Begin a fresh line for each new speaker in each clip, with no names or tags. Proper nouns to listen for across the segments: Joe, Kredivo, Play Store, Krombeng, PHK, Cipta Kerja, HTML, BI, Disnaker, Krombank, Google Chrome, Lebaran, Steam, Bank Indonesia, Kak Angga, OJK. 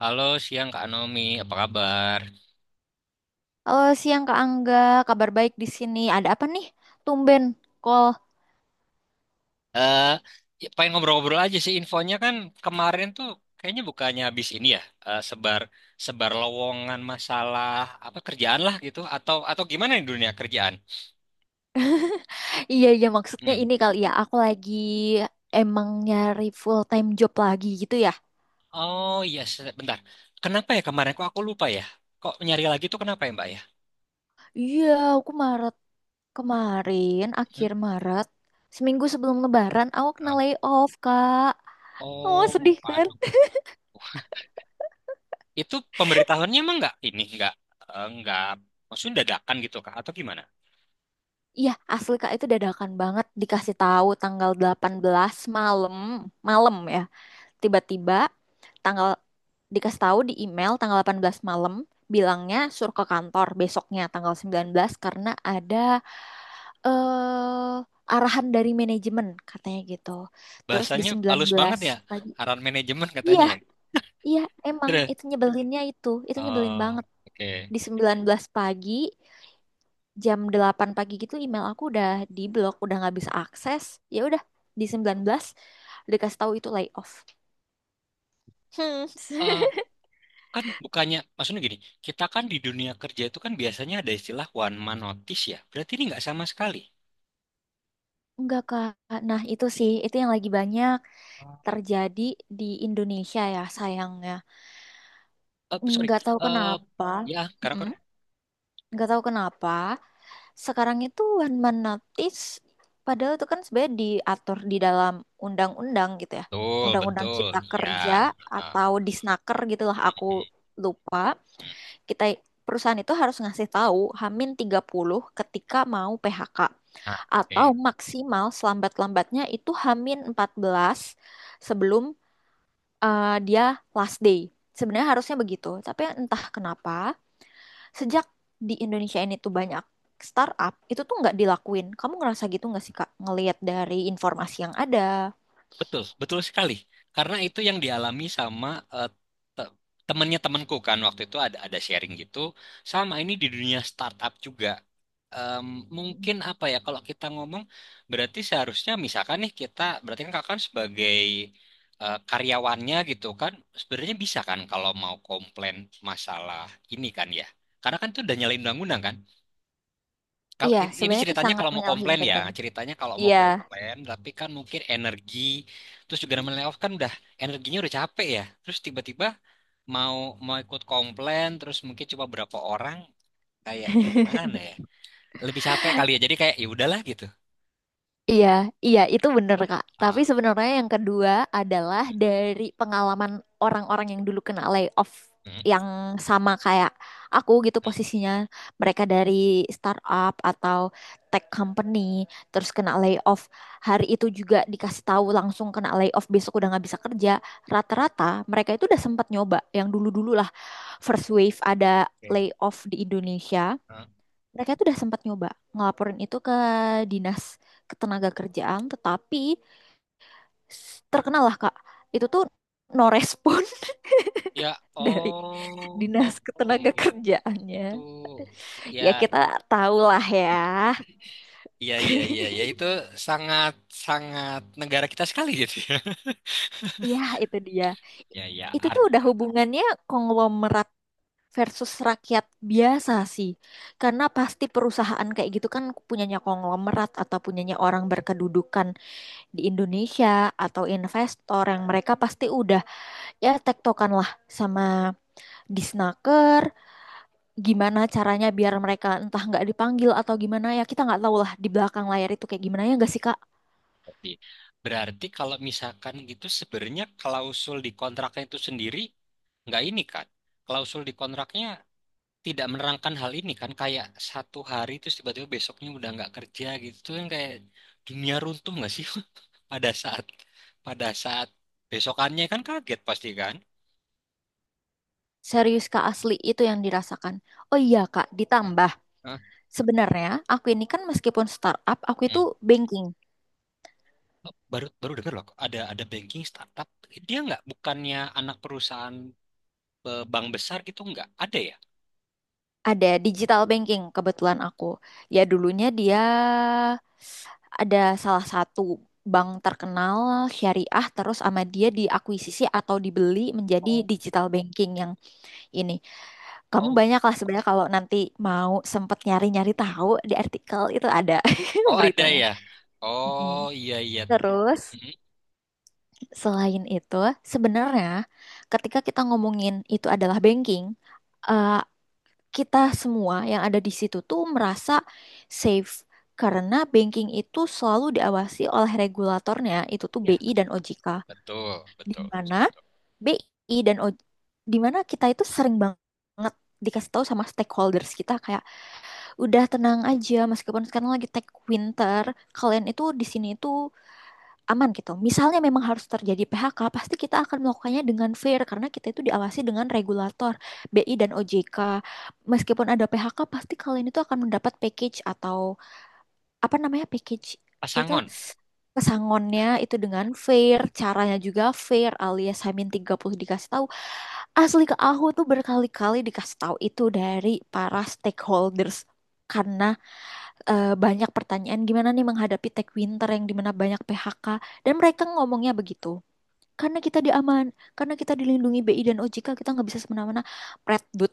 Halo, siang Kak Nomi, apa kabar?
Halo, siang Kak Angga, kabar baik di sini. Ada apa nih? Tumben call.
Eh, ya, pengen ngobrol-ngobrol aja sih infonya kan kemarin tuh kayaknya bukannya habis ini ya, eh, sebar sebar lowongan masalah apa kerjaan lah gitu atau gimana nih dunia kerjaan?
Iya, iya maksudnya
Hmm.
ini kali ya. Aku lagi emang nyari full time job lagi gitu ya.
Oh iya, bentar. Kenapa ya kemarin kok aku lupa ya? Kok nyari lagi tuh kenapa ya, Mbak ya?
Iya, aku Maret kemarin,
Hmm?
akhir Maret, seminggu sebelum Lebaran, aku kena
Ah.
layoff Kak. Oh,
Oh,
sedih kan?
waduh. Itu pemberitahuannya emang nggak ini nggak eh, nggak, maksudnya dadakan gitu Kak atau gimana?
Iya, asli Kak itu dadakan banget dikasih tahu tanggal 18 malam, malam ya. Tiba-tiba tanggal dikasih tahu di email tanggal 18 malam, bilangnya suruh ke kantor besoknya tanggal 19 karena ada eh arahan dari manajemen katanya gitu. Terus di
Bahasanya
sembilan
halus banget
belas
ya,
pagi.
arahan manajemen
Iya,
katanya ya.
iya emang
Terus,
itu nyebelinnya itu. Itu nyebelin
oh,
banget.
oke.
Di 19 pagi jam 8 pagi gitu email aku udah di blok, udah nggak bisa akses. Ya udah di 19 dikasih tahu itu layoff. Hmm.
Eh, kan bukannya, maksudnya gini, kita kan di dunia kerja itu kan biasanya ada istilah one man notice ya. Berarti ini nggak sama sekali.
Enggak, Kak. Nah, itu sih, itu yang lagi banyak terjadi di Indonesia ya, sayangnya.
Eh, sorry.
Enggak tahu
Eh,
kenapa.
ya, karena
Mm-mm. Enggak tahu kenapa. Sekarang itu one man notice, padahal itu kan sebenarnya diatur di dalam undang-undang gitu ya.
betul,
Undang-undang
betul.
Cipta Kerja
Ya. Ah,
atau Disnaker gitulah aku lupa. Kita perusahaan itu harus ngasih tahu Hamin 30 ketika mau PHK.
nah,
Atau
oke.
maksimal selambat-lambatnya itu Hamin 14 sebelum dia last day. Sebenarnya harusnya begitu, tapi entah kenapa sejak di Indonesia ini tuh banyak startup, itu tuh nggak dilakuin. Kamu ngerasa gitu nggak sih, Kak, ngelihat dari informasi yang ada?
Betul, betul sekali. Karena itu yang dialami sama eh, te- temennya temanku kan waktu itu ada sharing gitu. Sama ini di dunia startup juga. Em,
Mm.
mungkin apa ya kalau kita ngomong berarti seharusnya misalkan nih kita berarti kan kakak kan sebagai karyawannya gitu kan sebenarnya bisa kan kalau mau komplain masalah ini kan ya. Karena kan itu udah nyalain undang-undang kan. Kalau
Iya,
ini
sebenarnya itu
ceritanya
sangat
kalau mau
menyalahi
komplain ya,
undang-undang.
ceritanya kalau mau
Iya.
komplain, tapi kan mungkin energi, terus juga namanya layoff kan udah energinya udah capek ya. Terus tiba-tiba mau mau ikut komplain, terus mungkin cuma berapa orang, kayaknya gimana ya? Lebih capek kali ya. Jadi kayak ya udahlah gitu.
Iya, iya itu bener Kak. Tapi
Ah,
sebenarnya yang kedua adalah dari pengalaman orang-orang yang dulu kena layoff
mm,
yang sama kayak aku gitu
mm,
posisinya. Mereka dari startup atau tech company terus kena layoff. Hari itu juga dikasih tahu langsung kena layoff besok udah nggak bisa kerja. Rata-rata mereka itu udah sempat nyoba yang dulu-dulu lah. First wave ada
oke.
layoff di Indonesia,
Ah.
mereka tuh udah sempat nyoba ngelaporin itu ke dinas ketenaga kerjaan, tetapi terkenal lah Kak itu tuh no respon.
Ya,
Dari
oh,
dinas
oke.
ketenaga kerjaannya
Itu
ya
ya,
kita tahu lah ya.
ya, ya, ya, ya itu sangat sangat negara kita sekali gitu ya.
Iya, itu dia,
Ya, ya.
itu tuh udah hubungannya konglomerat versus rakyat biasa sih, karena pasti perusahaan kayak gitu kan punyanya konglomerat atau punyanya orang berkedudukan di Indonesia, atau investor yang mereka pasti udah ya tektokan lah sama disnaker, gimana caranya biar mereka entah nggak dipanggil atau gimana, ya kita nggak tahu lah di belakang layar itu kayak gimana, ya nggak sih Kak?
Berarti berarti kalau misalkan gitu sebenarnya klausul di kontraknya itu sendiri nggak ini kan? Klausul di kontraknya tidak menerangkan hal ini kan? Kayak satu hari terus tiba-tiba besoknya udah nggak kerja gitu. Itu kan kayak dunia runtuh nggak sih pada saat pada saat besokannya kan kaget pasti kan?
Serius Kak, asli itu yang dirasakan. Oh iya Kak, ditambah
Hah?
sebenarnya aku ini kan meskipun startup, aku itu
Hmm.
banking.
Oh, baru baru dengar loh ada banking startup, dia nggak bukannya anak perusahaan bank besar gitu nggak ada ya?
Ada digital banking kebetulan aku, ya dulunya dia ada salah satu bank terkenal syariah terus sama dia diakuisisi atau dibeli menjadi digital banking yang ini. Kamu
Oh.
banyak lah sebenarnya kalau nanti mau sempet nyari-nyari tahu di artikel itu ada
Oh, ada
beritanya.
ya? Oh,
Mm.
iya iya.
Terus
Mhm,
selain itu sebenarnya ketika kita ngomongin itu adalah banking, eh, kita semua yang ada di situ tuh merasa safe karena banking itu selalu diawasi oleh regulatornya itu tuh
iya,
BI dan OJK,
betul, betul.
di
Setuju.
mana BI dan O J di mana kita itu sering banget dikasih tahu sama stakeholders kita kayak udah tenang aja meskipun sekarang lagi tech winter, kalian itu di sini itu aman gitu. Misalnya memang harus terjadi PHK, pasti kita akan melakukannya dengan fair karena kita itu diawasi dengan regulator BI dan OJK. Meskipun ada PHK, pasti kalian itu akan mendapat package atau apa namanya package itu
Pasangon.
pesangonnya itu dengan fair, caranya juga fair alias Hamin 30 dikasih tahu. Asli ke aku tuh berkali-kali dikasih tahu itu dari para stakeholders karena banyak pertanyaan gimana nih menghadapi tech winter yang dimana banyak PHK, dan mereka ngomongnya begitu karena kita diaman, karena kita dilindungi BI dan OJK kita nggak bisa semena-mena Predbud.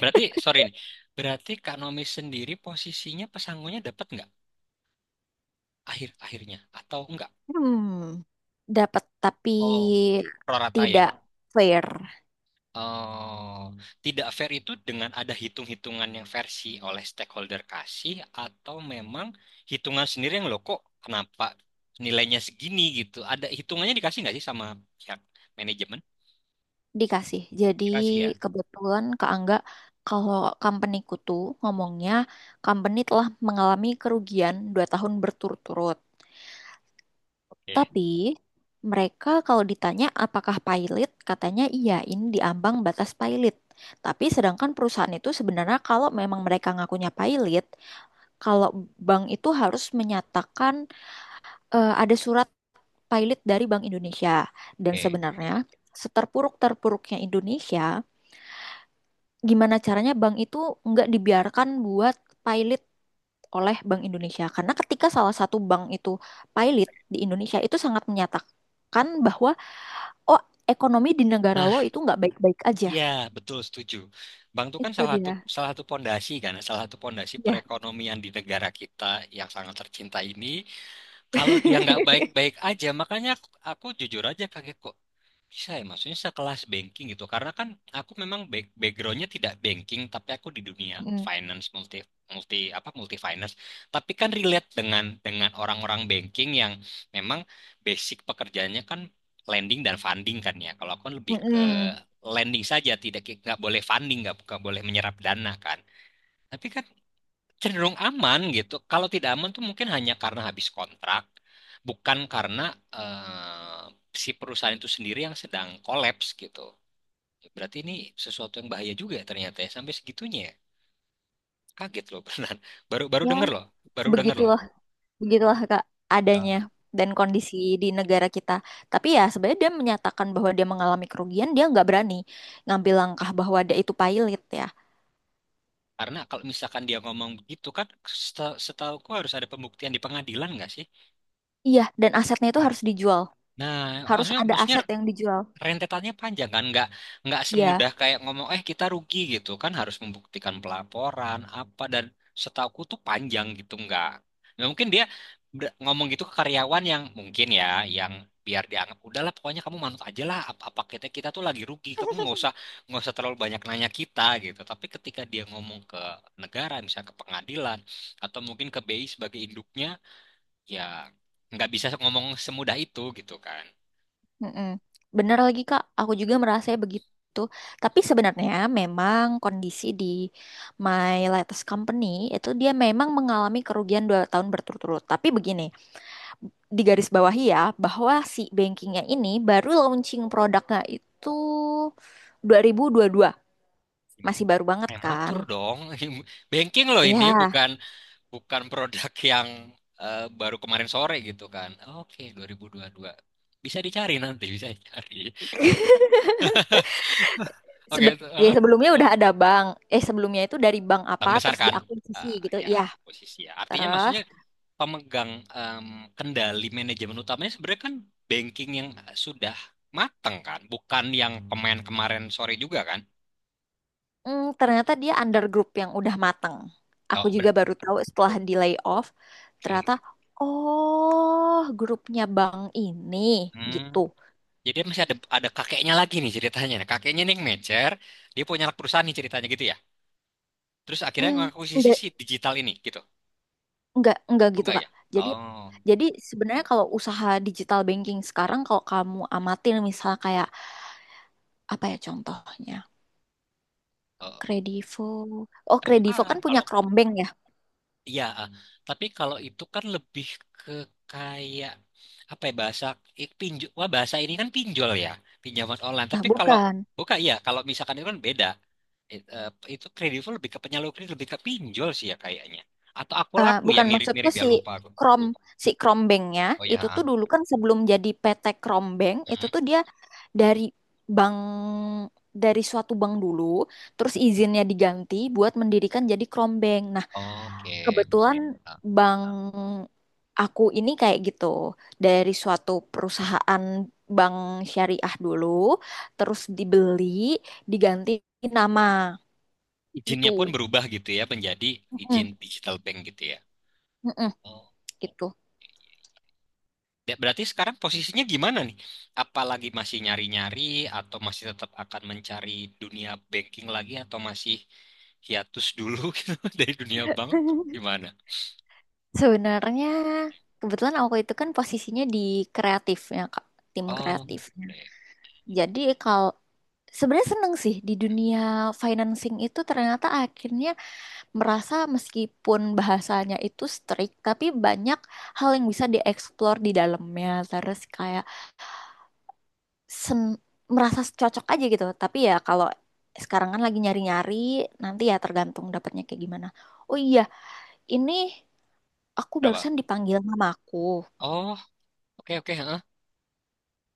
Berarti, sorry nih. Berarti Kak Nomi sendiri posisinya pesangonnya dapat nggak akhir-akhirnya atau enggak?
hmm Dapat tapi
Oh, prorata ya.
tidak fair.
Oh, tidak fair itu dengan ada hitung-hitungan yang versi oleh stakeholder kasih atau memang hitungan sendiri yang lo kok kenapa nilainya segini gitu? Ada hitungannya dikasih nggak sih sama pihak manajemen?
Dikasih jadi
Dikasih ya.
kebetulan Kak Angga, kalau companyku tuh ngomongnya company telah mengalami kerugian 2 tahun berturut-turut.
Oke.
Tapi mereka kalau ditanya apakah pilot, katanya iya, ini di ambang batas pilot. Tapi sedangkan perusahaan itu sebenarnya kalau memang mereka ngakunya pilot, kalau bank itu harus menyatakan ada surat pilot dari Bank Indonesia. Dan
Oke.
sebenarnya seterpuruk-terpuruknya Indonesia, gimana caranya bank itu nggak dibiarkan buat pilot oleh Bank Indonesia. Karena ketika salah satu bank itu pilot di Indonesia, itu sangat menyatakan bahwa oh ekonomi di negara
Nah,
lo itu nggak baik-baik aja.
iya, betul setuju. Bank itu kan
Itu dia
salah satu pondasi kan, salah satu pondasi
ya.
perekonomian di negara kita yang sangat tercinta ini. Kalau dia nggak baik-baik aja, makanya aku jujur aja kaget kok. Bisa ya, maksudnya sekelas banking gitu. Karena kan aku memang backgroundnya tidak banking, tapi aku di dunia
Mm.
finance multi multi apa multi finance. Tapi kan relate dengan orang-orang banking yang memang basic pekerjaannya kan lending dan funding kan ya. Kalau aku kan lebih ke
Mm-mm.
lending saja, tidak nggak boleh funding, nggak boleh menyerap dana kan. Tapi cenderung aman gitu. Kalau tidak aman tuh mungkin hanya karena habis kontrak, bukan karena eh, si perusahaan itu sendiri yang sedang kolaps gitu. Berarti ini sesuatu yang bahaya juga ya ternyata ya sampai segitunya. Ya. Kaget loh beneran. Baru baru
Ya
denger loh, baru denger loh.
begitulah, begitulah Kak adanya,
Ya,
dan kondisi di negara kita. Tapi ya sebenarnya dia menyatakan bahwa dia mengalami kerugian, dia nggak berani ngambil langkah bahwa dia itu pailit ya.
karena kalau misalkan dia ngomong begitu kan setahuku harus ada pembuktian di pengadilan nggak sih?
Iya dan asetnya itu
Nah,
harus dijual,
nah,
harus
maksudnya
ada
maksudnya
aset yang dijual.
rentetannya panjang kan, nggak
Iya.
semudah kayak ngomong eh kita rugi gitu kan harus membuktikan pelaporan apa dan setauku tuh panjang gitu, nggak mungkin dia ngomong gitu ke karyawan yang mungkin ya yang biar dianggap udahlah pokoknya kamu manut aja lah apa, apa kita kita tuh lagi rugi kamu nggak usah terlalu banyak nanya kita gitu, tapi ketika dia ngomong ke negara misalnya ke pengadilan atau mungkin ke BI sebagai induknya ya nggak bisa ngomong semudah itu gitu kan.
Mm-mm. Bener lagi Kak, aku juga merasa begitu. Tapi sebenarnya memang kondisi di my latest company itu dia memang mengalami kerugian 2 tahun berturut-turut. Tapi begini, di garis bawahi ya, bahwa si bankingnya ini baru launching produknya itu 2022. Masih baru banget kan?
Prematur dong. Banking loh ini
Iya,
bukan bukan produk yang baru kemarin sore gitu kan. Oke, 2022. Bisa dicari nanti, bisa dicari. Oke,
sebe-
itu,
ya sebelumnya udah ada bank. Eh, sebelumnya itu dari bank
bank
apa
besar
terus
kan?
diakuisisi
Eh,
gitu.
ya,
Iya,
posisi ya. Artinya
terus.
maksudnya pemegang em, kendali manajemen utamanya sebenarnya kan banking yang sudah mateng kan, bukan yang pemain kemarin sore juga kan?
Ternyata dia under group yang udah mateng. Aku
Oh,
juga baru tahu setelah di layoff, ternyata
oke.
oh grupnya bank ini
Hmm.
gitu.
Jadi dia masih ada kakeknya lagi nih ceritanya. Nah, kakeknya nih yang manajer, dia punya anak perusahaan nih ceritanya gitu ya. Terus akhirnya
Hmm,
mengakuisisi
enggak
si digital ini gitu.
enggak
Oh
gitu
enggak
Kak.
ya?
Jadi
Oh,
jadi sebenarnya kalau usaha digital banking sekarang, kalau kamu amatin misal kayak apa ya contohnya?
eh,
Kredivo. Oh,
oh,
Kredivo
bukan.
kan punya
Kalau kalau.
Krombank ya?
Iya, tapi kalau itu kan lebih ke kayak apa ya bahasa eh, pinju wah bahasa ini kan pinjol ya, pinjaman online.
Nah,
Tapi kalau
bukan.
bukan iya, kalau misalkan itu kan beda. It- eh, itu kredit itu lebih ke penyalur kredit lebih ke pinjol sih ya kayaknya. Atau aku
Eh,
laku ya
bukan maksudku
mirip-mirip ya
si
lupa aku.
Krom Krombengnya
Oh ya.
itu tuh
Ah.
dulu kan sebelum jadi PT Krombeng itu
Hmm.
tuh dia dari bank dari suatu bank dulu terus izinnya diganti buat mendirikan jadi Krombeng. Nah,
Oke.
kebetulan
Nah,
bank aku ini kayak gitu, dari suatu perusahaan bank syariah dulu terus dibeli, diganti nama
izinnya pun
gitu.
berubah gitu ya menjadi izin
Mm-mm,
digital bank gitu ya.
mm-mm,
Oh.
gitu.
Ya, berarti sekarang posisinya gimana nih? Apalagi masih nyari-nyari atau masih tetap akan mencari dunia banking lagi atau masih hiatus dulu gitu dari dunia bank? Gimana?
Sebenarnya kebetulan aku itu kan posisinya di kreatifnya Kak, tim
Oh,
kreatifnya.
oke.
Jadi kalau sebenarnya seneng sih di dunia financing itu, ternyata akhirnya merasa meskipun bahasanya itu strict, tapi banyak hal yang bisa dieksplor di dalamnya. Terus kayak sen- merasa cocok aja gitu. Tapi ya kalau sekarang kan lagi nyari-nyari, nanti ya tergantung dapatnya kayak gimana. Oh iya, ini aku
Berapa?
barusan dipanggil mamaku.
Oh, oke oke, heeh.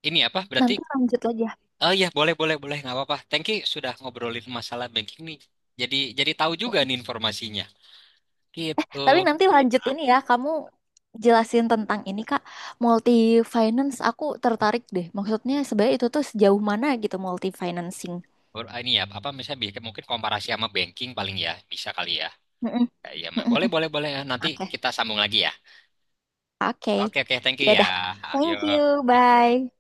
Ini apa? Berarti
Nanti lanjut lagi.
oh iya, boleh boleh boleh nggak apa-apa. Thank you sudah ngobrolin masalah banking nih. Jadi tahu juga nih informasinya. Gitu.
Tapi nanti lanjut ini ya, kamu jelasin tentang ini Kak, multi finance aku tertarik deh. Maksudnya sebenarnya itu tuh sejauh mana gitu multi financing.
Ini ya apa misalnya mungkin komparasi sama banking paling ya bisa kali ya.
Mm-mm.
Kayak iya mah. Boleh
Mm-mm.
boleh boleh ya. Nanti
Oke.
kita sambung lagi ya.
Oke.
Oke oke thank you
Ya
ya.
udah.
Ayo.
Thank you. Bye.